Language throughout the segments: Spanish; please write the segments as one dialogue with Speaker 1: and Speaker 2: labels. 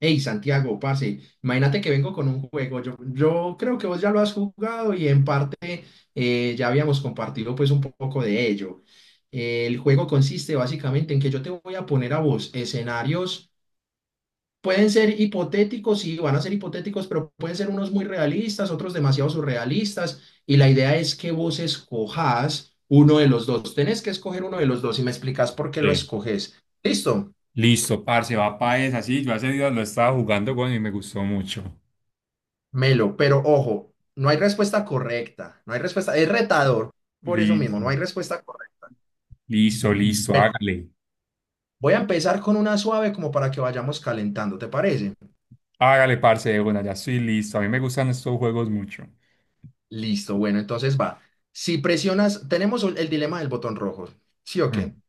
Speaker 1: Hey, Santiago, pase. Imagínate que vengo con un juego. Yo creo que vos ya lo has jugado y en parte ya habíamos compartido pues un poco de ello. El juego consiste básicamente en que yo te voy a poner a vos escenarios, pueden ser hipotéticos, sí, van a ser hipotéticos, pero pueden ser unos muy realistas, otros demasiado surrealistas. Y la idea es que vos escojas uno de los dos. Tenés que escoger uno de los dos y me explicas por qué lo
Speaker 2: Sí.
Speaker 1: escoges. ¿Listo?
Speaker 2: Listo, parce, va para esa. Sí, yo hace días lo estaba jugando, weón, y me gustó mucho.
Speaker 1: Melo, pero ojo, no hay respuesta correcta, no hay respuesta, es retador, por eso mismo, no
Speaker 2: Listo,
Speaker 1: hay respuesta correcta.
Speaker 2: listo, listo,
Speaker 1: Bueno,
Speaker 2: hágale.
Speaker 1: voy a empezar con una suave como para que vayamos calentando, ¿te parece?
Speaker 2: Hágale, parce, de una, ya estoy listo. A mí me gustan estos juegos mucho.
Speaker 1: Listo, bueno, entonces va. Si presionas, tenemos el dilema del botón rojo, ¿sí o qué?
Speaker 2: Mm.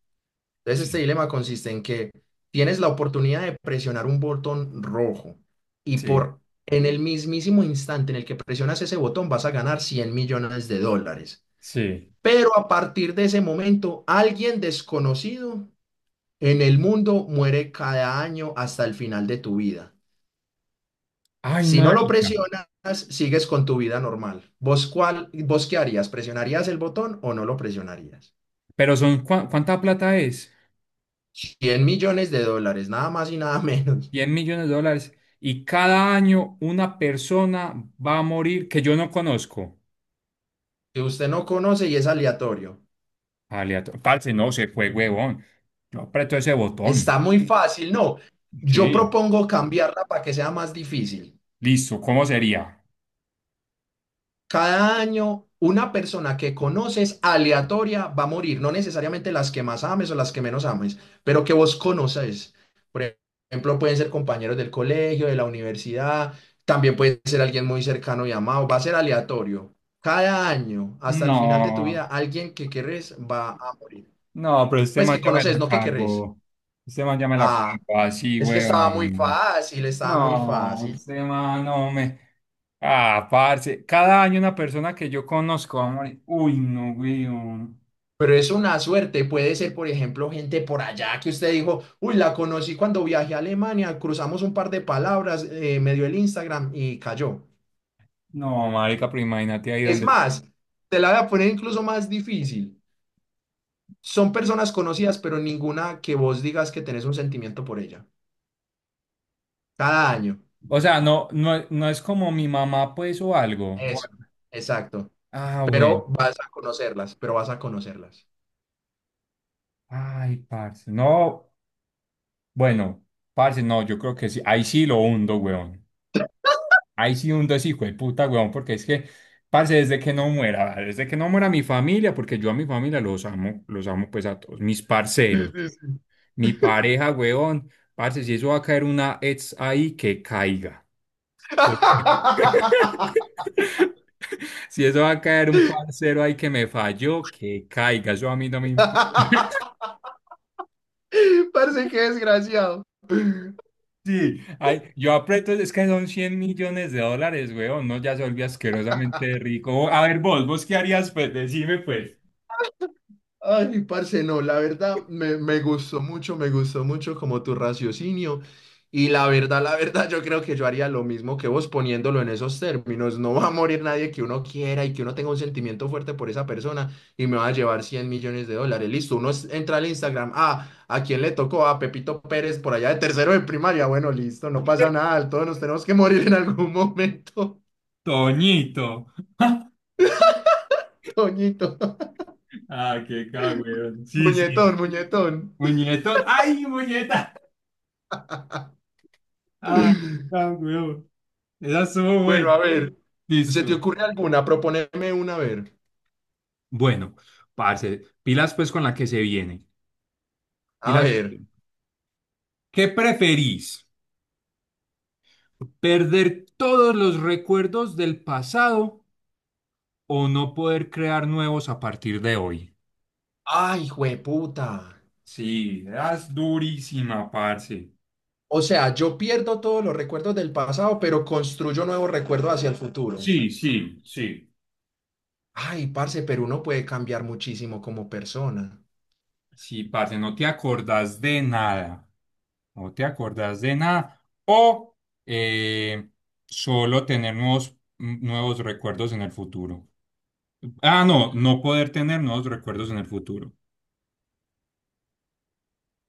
Speaker 1: Entonces
Speaker 2: Sí,
Speaker 1: este dilema consiste en que tienes la oportunidad de presionar un botón rojo y
Speaker 2: sí,
Speaker 1: por en el mismísimo instante en el que presionas ese botón vas a ganar 100 millones de dólares.
Speaker 2: sí.
Speaker 1: Pero a partir de ese momento, alguien desconocido en el mundo muere cada año hasta el final de tu vida.
Speaker 2: Ay,
Speaker 1: Si no lo
Speaker 2: marica.
Speaker 1: presionas, sigues con tu vida normal. ¿Vos, vos qué harías? ¿Presionarías el botón o no lo presionarías?
Speaker 2: Pero son, ¿cuánta plata es?
Speaker 1: 100 millones de dólares, nada más y nada menos,
Speaker 2: 10 millones de dólares. Y cada año una persona va a morir que yo no conozco.
Speaker 1: que usted no conoce y es aleatorio.
Speaker 2: Parce, no se fue, huevón. Yo aprieto ese botón.
Speaker 1: Está muy fácil, no. Yo
Speaker 2: Sí.
Speaker 1: propongo cambiarla para que sea más difícil.
Speaker 2: Listo, ¿cómo sería?
Speaker 1: Cada año una persona que conoces aleatoria va a morir, no necesariamente las que más ames o las que menos ames, pero que vos conoces. Por ejemplo, pueden ser compañeros del colegio, de la universidad, también puede ser alguien muy cercano y amado, va a ser aleatorio. Cada año, hasta el final de tu vida,
Speaker 2: No,
Speaker 1: alguien que querés va a morir.
Speaker 2: no, pero este
Speaker 1: Pues
Speaker 2: man
Speaker 1: que
Speaker 2: ya me
Speaker 1: conoces,
Speaker 2: la
Speaker 1: no que querés.
Speaker 2: cago. Este man ya me la
Speaker 1: Ah,
Speaker 2: cago así,
Speaker 1: es que estaba muy
Speaker 2: weón.
Speaker 1: fácil, estaba muy
Speaker 2: No,
Speaker 1: fácil.
Speaker 2: este man no me. Ah, parce. Cada año una persona que yo conozco va a morir. Uy, no, weón.
Speaker 1: Pero es una suerte, puede ser, por ejemplo, gente por allá que usted dijo, uy, la conocí cuando viajé a Alemania, cruzamos un par de palabras, me dio el Instagram y cayó.
Speaker 2: No, marica, pero imagínate ahí
Speaker 1: Es
Speaker 2: donde.
Speaker 1: más, te la voy a poner incluso más difícil. Son personas conocidas, pero ninguna que vos digas que tenés un sentimiento por ella. Cada año.
Speaker 2: O sea, no, no, no es como mi mamá, pues, o algo. o
Speaker 1: Eso,
Speaker 2: algo.
Speaker 1: exacto.
Speaker 2: Ah, bueno.
Speaker 1: Pero vas a conocerlas, pero vas a conocerlas.
Speaker 2: Ay, parce. No, bueno, parce, no, yo creo que sí. Ahí sí lo hundo, weón. Ahí sí hundo a ese hijo de puta, weón, porque es que, parce, desde que no muera, vale, desde que no muera mi familia, porque yo a mi familia los amo pues a todos, mis
Speaker 1: Mm,
Speaker 2: parceros,
Speaker 1: mm, mm.
Speaker 2: mi pareja, weón, parce, si eso va a caer una ex ahí, que caiga. Sí. Si eso va a caer un parcero ahí que me falló, que caiga, eso a mí no me importa.
Speaker 1: Parece que desgraciado.
Speaker 2: Sí, ay, yo aprieto, es que son 100 millones de dólares, weón, no, ya se volvió asquerosamente rico. A ver, vos qué harías, pues, decime, pues.
Speaker 1: Ay, parce, no, la verdad me gustó mucho como tu raciocinio. Y la verdad, yo creo que yo haría lo mismo que vos poniéndolo en esos términos. No va a morir nadie que uno quiera y que uno tenga un sentimiento fuerte por esa persona y me va a llevar 100 millones de dólares. Listo, uno es- entra al Instagram. Ah, ¿a quién le tocó? A Pepito Pérez por allá de tercero de primaria. Bueno, listo, no pasa nada. Todos nos tenemos que morir en algún momento.
Speaker 2: Toñito.
Speaker 1: Toñito,
Speaker 2: Ah, qué cagüeón. Sí,
Speaker 1: muñetón,
Speaker 2: sí.
Speaker 1: muñetón.
Speaker 2: Muñeto. ¡Ay, muñeca! Ah, cagüeón. Esa estuvo
Speaker 1: Bueno,
Speaker 2: buena.
Speaker 1: a ver, ¿se te
Speaker 2: Listo.
Speaker 1: ocurre alguna? Proponeme una, a ver.
Speaker 2: Bueno, parce, pilas pues con la que se viene.
Speaker 1: A
Speaker 2: Pilas.
Speaker 1: ver.
Speaker 2: ¿Qué preferís? ¿Perder todos los recuerdos del pasado o no poder crear nuevos a partir de hoy?
Speaker 1: Ay, jueputa.
Speaker 2: Sí, es durísima, parce.
Speaker 1: O sea, yo pierdo todos los recuerdos del pasado, pero construyo nuevos recuerdos hacia el futuro.
Speaker 2: Sí, sí, sí.
Speaker 1: Ay, parce, pero uno puede cambiar muchísimo como persona.
Speaker 2: Sí, parce, no te acordás de nada. No te acordás de nada. O eh, solo tener nuevos recuerdos en el futuro. Ah, no, no poder tener nuevos recuerdos en el futuro.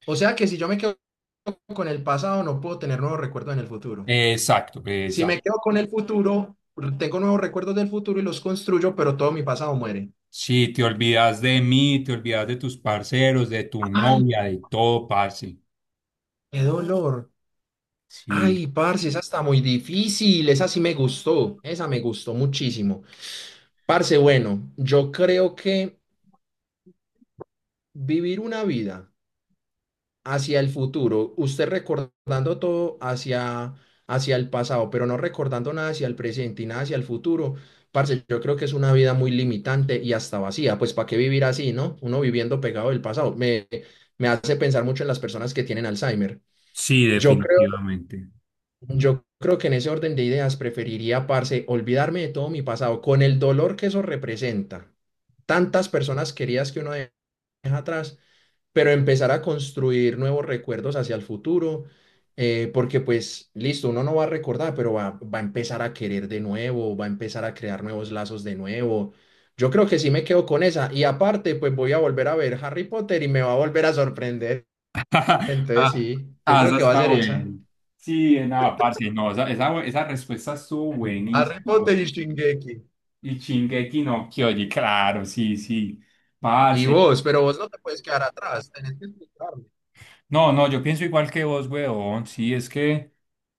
Speaker 1: O sea que si yo me quedo con el pasado, no puedo tener nuevos recuerdos en el futuro.
Speaker 2: Exacto,
Speaker 1: Si me
Speaker 2: exacto.
Speaker 1: quedo con el futuro, tengo nuevos recuerdos del futuro y los construyo, pero todo mi pasado muere.
Speaker 2: Si te olvidas de mí, te olvidas de tus parceros, de tu
Speaker 1: Ay,
Speaker 2: novia, de todo, parce.
Speaker 1: qué dolor.
Speaker 2: Sí,
Speaker 1: Ay, parce, esa está muy difícil. Esa sí me gustó. Esa me gustó muchísimo. Parce, bueno, yo creo que vivir una vida hacia el futuro, usted recordando todo hacia el pasado, pero no recordando nada hacia el presente y nada hacia el futuro, parce, yo creo que es una vida muy limitante y hasta vacía. Pues, ¿para qué vivir así, no? Uno viviendo pegado del pasado. Me hace pensar mucho en las personas que tienen Alzheimer.
Speaker 2: sí,
Speaker 1: Yo creo
Speaker 2: definitivamente.
Speaker 1: Yo creo que en ese orden de ideas preferiría, parce, olvidarme de todo mi pasado, con el dolor que eso representa. Tantas personas queridas que uno de- deja atrás, pero empezar a construir nuevos recuerdos hacia el futuro, porque pues listo, uno no va a recordar, pero va a empezar a querer de nuevo, va a empezar a crear nuevos lazos de nuevo. Yo creo que sí me quedo con esa. Y aparte, pues voy a volver a ver Harry Potter y me va a volver a sorprender. Entonces
Speaker 2: Ah,
Speaker 1: sí, yo
Speaker 2: ah,
Speaker 1: creo
Speaker 2: esa
Speaker 1: que va a
Speaker 2: está
Speaker 1: ser
Speaker 2: buena.
Speaker 1: esa.
Speaker 2: Sí, nada, parce. No, esa respuesta estuvo
Speaker 1: Harry
Speaker 2: buenísima.
Speaker 1: Potter y Shingeki.
Speaker 2: Y Shingeki no Kyoji, claro, sí, sí.
Speaker 1: Y
Speaker 2: Parce.
Speaker 1: vos, pero vos no te puedes quedar atrás, tenés que explicarme.
Speaker 2: No, no, yo pienso igual que vos, weón. Sí, es que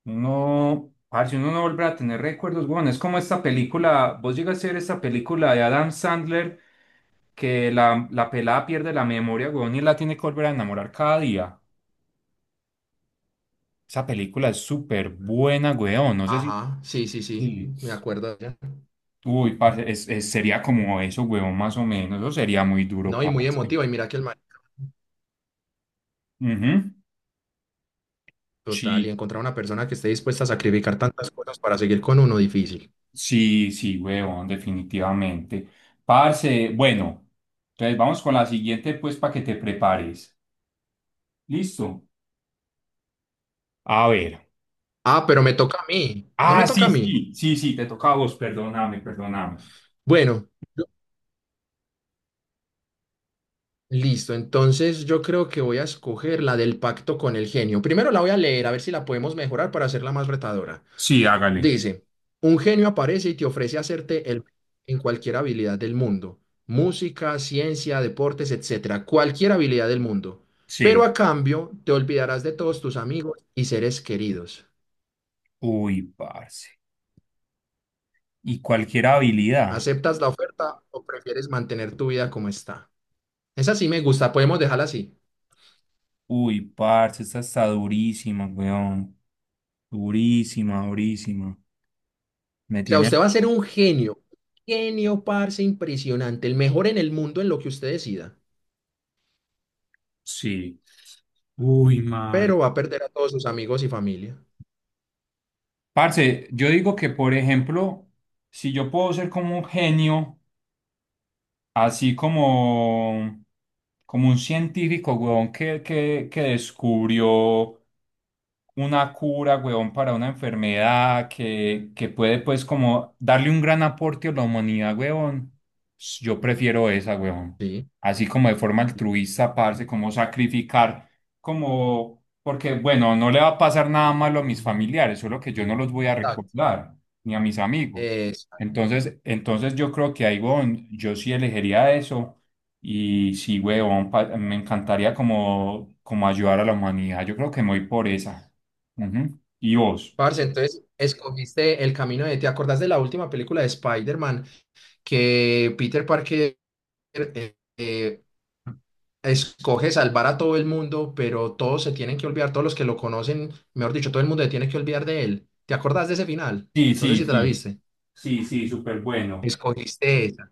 Speaker 2: uno, parce, uno no vuelve a tener recuerdos, weón. Es como esta película, vos llegas a ver esta película de Adam Sandler que la pelada pierde la memoria, weón, y la tiene que volver a enamorar cada día. Esa película es súper buena, weón. No sé si...
Speaker 1: Ajá, sí, sí, sí,
Speaker 2: Sí.
Speaker 1: me acuerdo ya.
Speaker 2: Uy, parce, sería como eso, weón, más o menos. Eso sería muy duro,
Speaker 1: No, y muy
Speaker 2: parce.
Speaker 1: emotiva, y mira que el man,
Speaker 2: Ujú.
Speaker 1: total, y
Speaker 2: Sí.
Speaker 1: encontrar una persona que esté dispuesta a sacrificar tantas cosas para seguir con uno difícil.
Speaker 2: Sí, sí, huevón, definitivamente. Parce, bueno, entonces vamos con la siguiente, pues, para que te prepares. ¿Listo? A ver.
Speaker 1: Ah, pero me toca a mí, no
Speaker 2: Ah,
Speaker 1: me toca
Speaker 2: sí,
Speaker 1: a mí.
Speaker 2: sí, sí, sí, te toca a vos, perdóname, perdóname.
Speaker 1: Bueno, listo, entonces yo creo que voy a escoger la del pacto con el genio. Primero la voy a leer, a ver si la podemos mejorar para hacerla más retadora.
Speaker 2: Sí, hágale.
Speaker 1: Dice, un genio aparece y te ofrece hacerte el en cualquier habilidad del mundo, música, ciencia, deportes, etcétera, cualquier habilidad del mundo. Pero
Speaker 2: Sí.
Speaker 1: a cambio, te olvidarás de todos tus amigos y seres queridos.
Speaker 2: Uy, parce. Y cualquier habilidad.
Speaker 1: ¿Aceptas la oferta o prefieres mantener tu vida como está? Esa sí me gusta, podemos dejarla así.
Speaker 2: Uy, parce, esta está durísima, weón. Durísima, durísima. Me
Speaker 1: O sea, usted
Speaker 2: tiene.
Speaker 1: va a ser un genio, genio, parce, impresionante, el mejor en el mundo en lo que usted decida,
Speaker 2: Sí. Uy,
Speaker 1: pero va a perder a todos sus amigos y familia.
Speaker 2: parce, yo digo que, por ejemplo, si yo puedo ser como un genio, así como un científico, weón, que descubrió una cura, huevón, para una enfermedad que puede, pues, como darle un gran aporte a la humanidad, huevón, yo prefiero esa, huevón.
Speaker 1: Sí,
Speaker 2: Así como de forma altruista, parce, como sacrificar, como, porque, bueno, no le va a pasar nada malo a mis familiares, solo que yo no los voy a
Speaker 1: exacto.
Speaker 2: recordar, ni a mis amigos. Entonces yo creo que ahí, huevón, yo sí elegiría eso. Y sí, huevón, me encantaría como ayudar a la humanidad. Yo creo que me voy por esa. Ujú. ¿Y vos?
Speaker 1: Parce, entonces escogiste el camino de. ¿Te acordás de la última película de Spider-Man que Peter Parker eh, eh, escoge salvar a todo el mundo, pero todos se tienen que olvidar, todos los que lo conocen, mejor dicho, todo el mundo se tiene que olvidar de él? ¿Te acordás de ese final?
Speaker 2: Sí,
Speaker 1: No sé
Speaker 2: sí,
Speaker 1: si te la
Speaker 2: sí.
Speaker 1: viste.
Speaker 2: Sí, sí, súper bueno.
Speaker 1: Escogiste esa.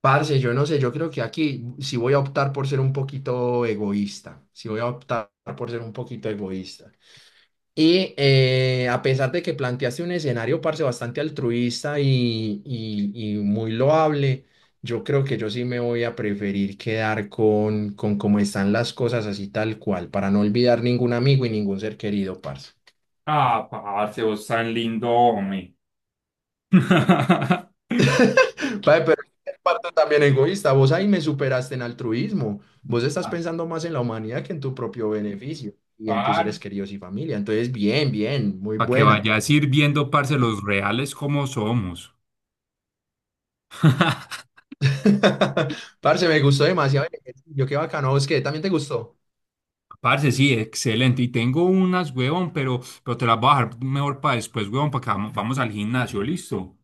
Speaker 1: Parce, yo no sé, yo creo que aquí sí voy a optar por ser un poquito egoísta. Sí voy a optar por ser un poquito egoísta. Y a pesar de que planteaste un escenario, parce, bastante altruista y muy loable, yo creo que yo sí me voy a preferir quedar con cómo están las cosas así tal cual, para no olvidar ningún amigo y ningún ser querido, parce.
Speaker 2: Ah, parce, vos tan lindo, hombre.
Speaker 1: Vale, pero es parte también egoísta, vos ahí me superaste en altruismo, vos estás
Speaker 2: Ah,
Speaker 1: pensando más en la humanidad que en tu propio beneficio y en tus seres
Speaker 2: parce.
Speaker 1: queridos y familia. Entonces, bien, bien, muy
Speaker 2: Para que
Speaker 1: buena.
Speaker 2: vayas ir viendo, parce, los reales como somos.
Speaker 1: Parce, me gustó demasiado el ejercicio, qué bacano, ¿vos qué? ¿También te gustó?
Speaker 2: Parce, sí, excelente. Y tengo unas, huevón, pero te las voy a dejar mejor para después, huevón, para que vamos al gimnasio, ¿listo?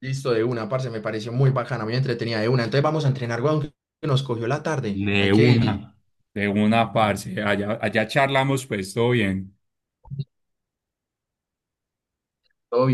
Speaker 1: Listo, de una, parce, me pareció muy bacana, muy entretenida de una. Entonces vamos a entrenar, weón, que nos cogió la tarde. Hay
Speaker 2: De
Speaker 1: que ir.
Speaker 2: una. De una, parce. Allá charlamos, pues, todo bien.
Speaker 1: Todo bien.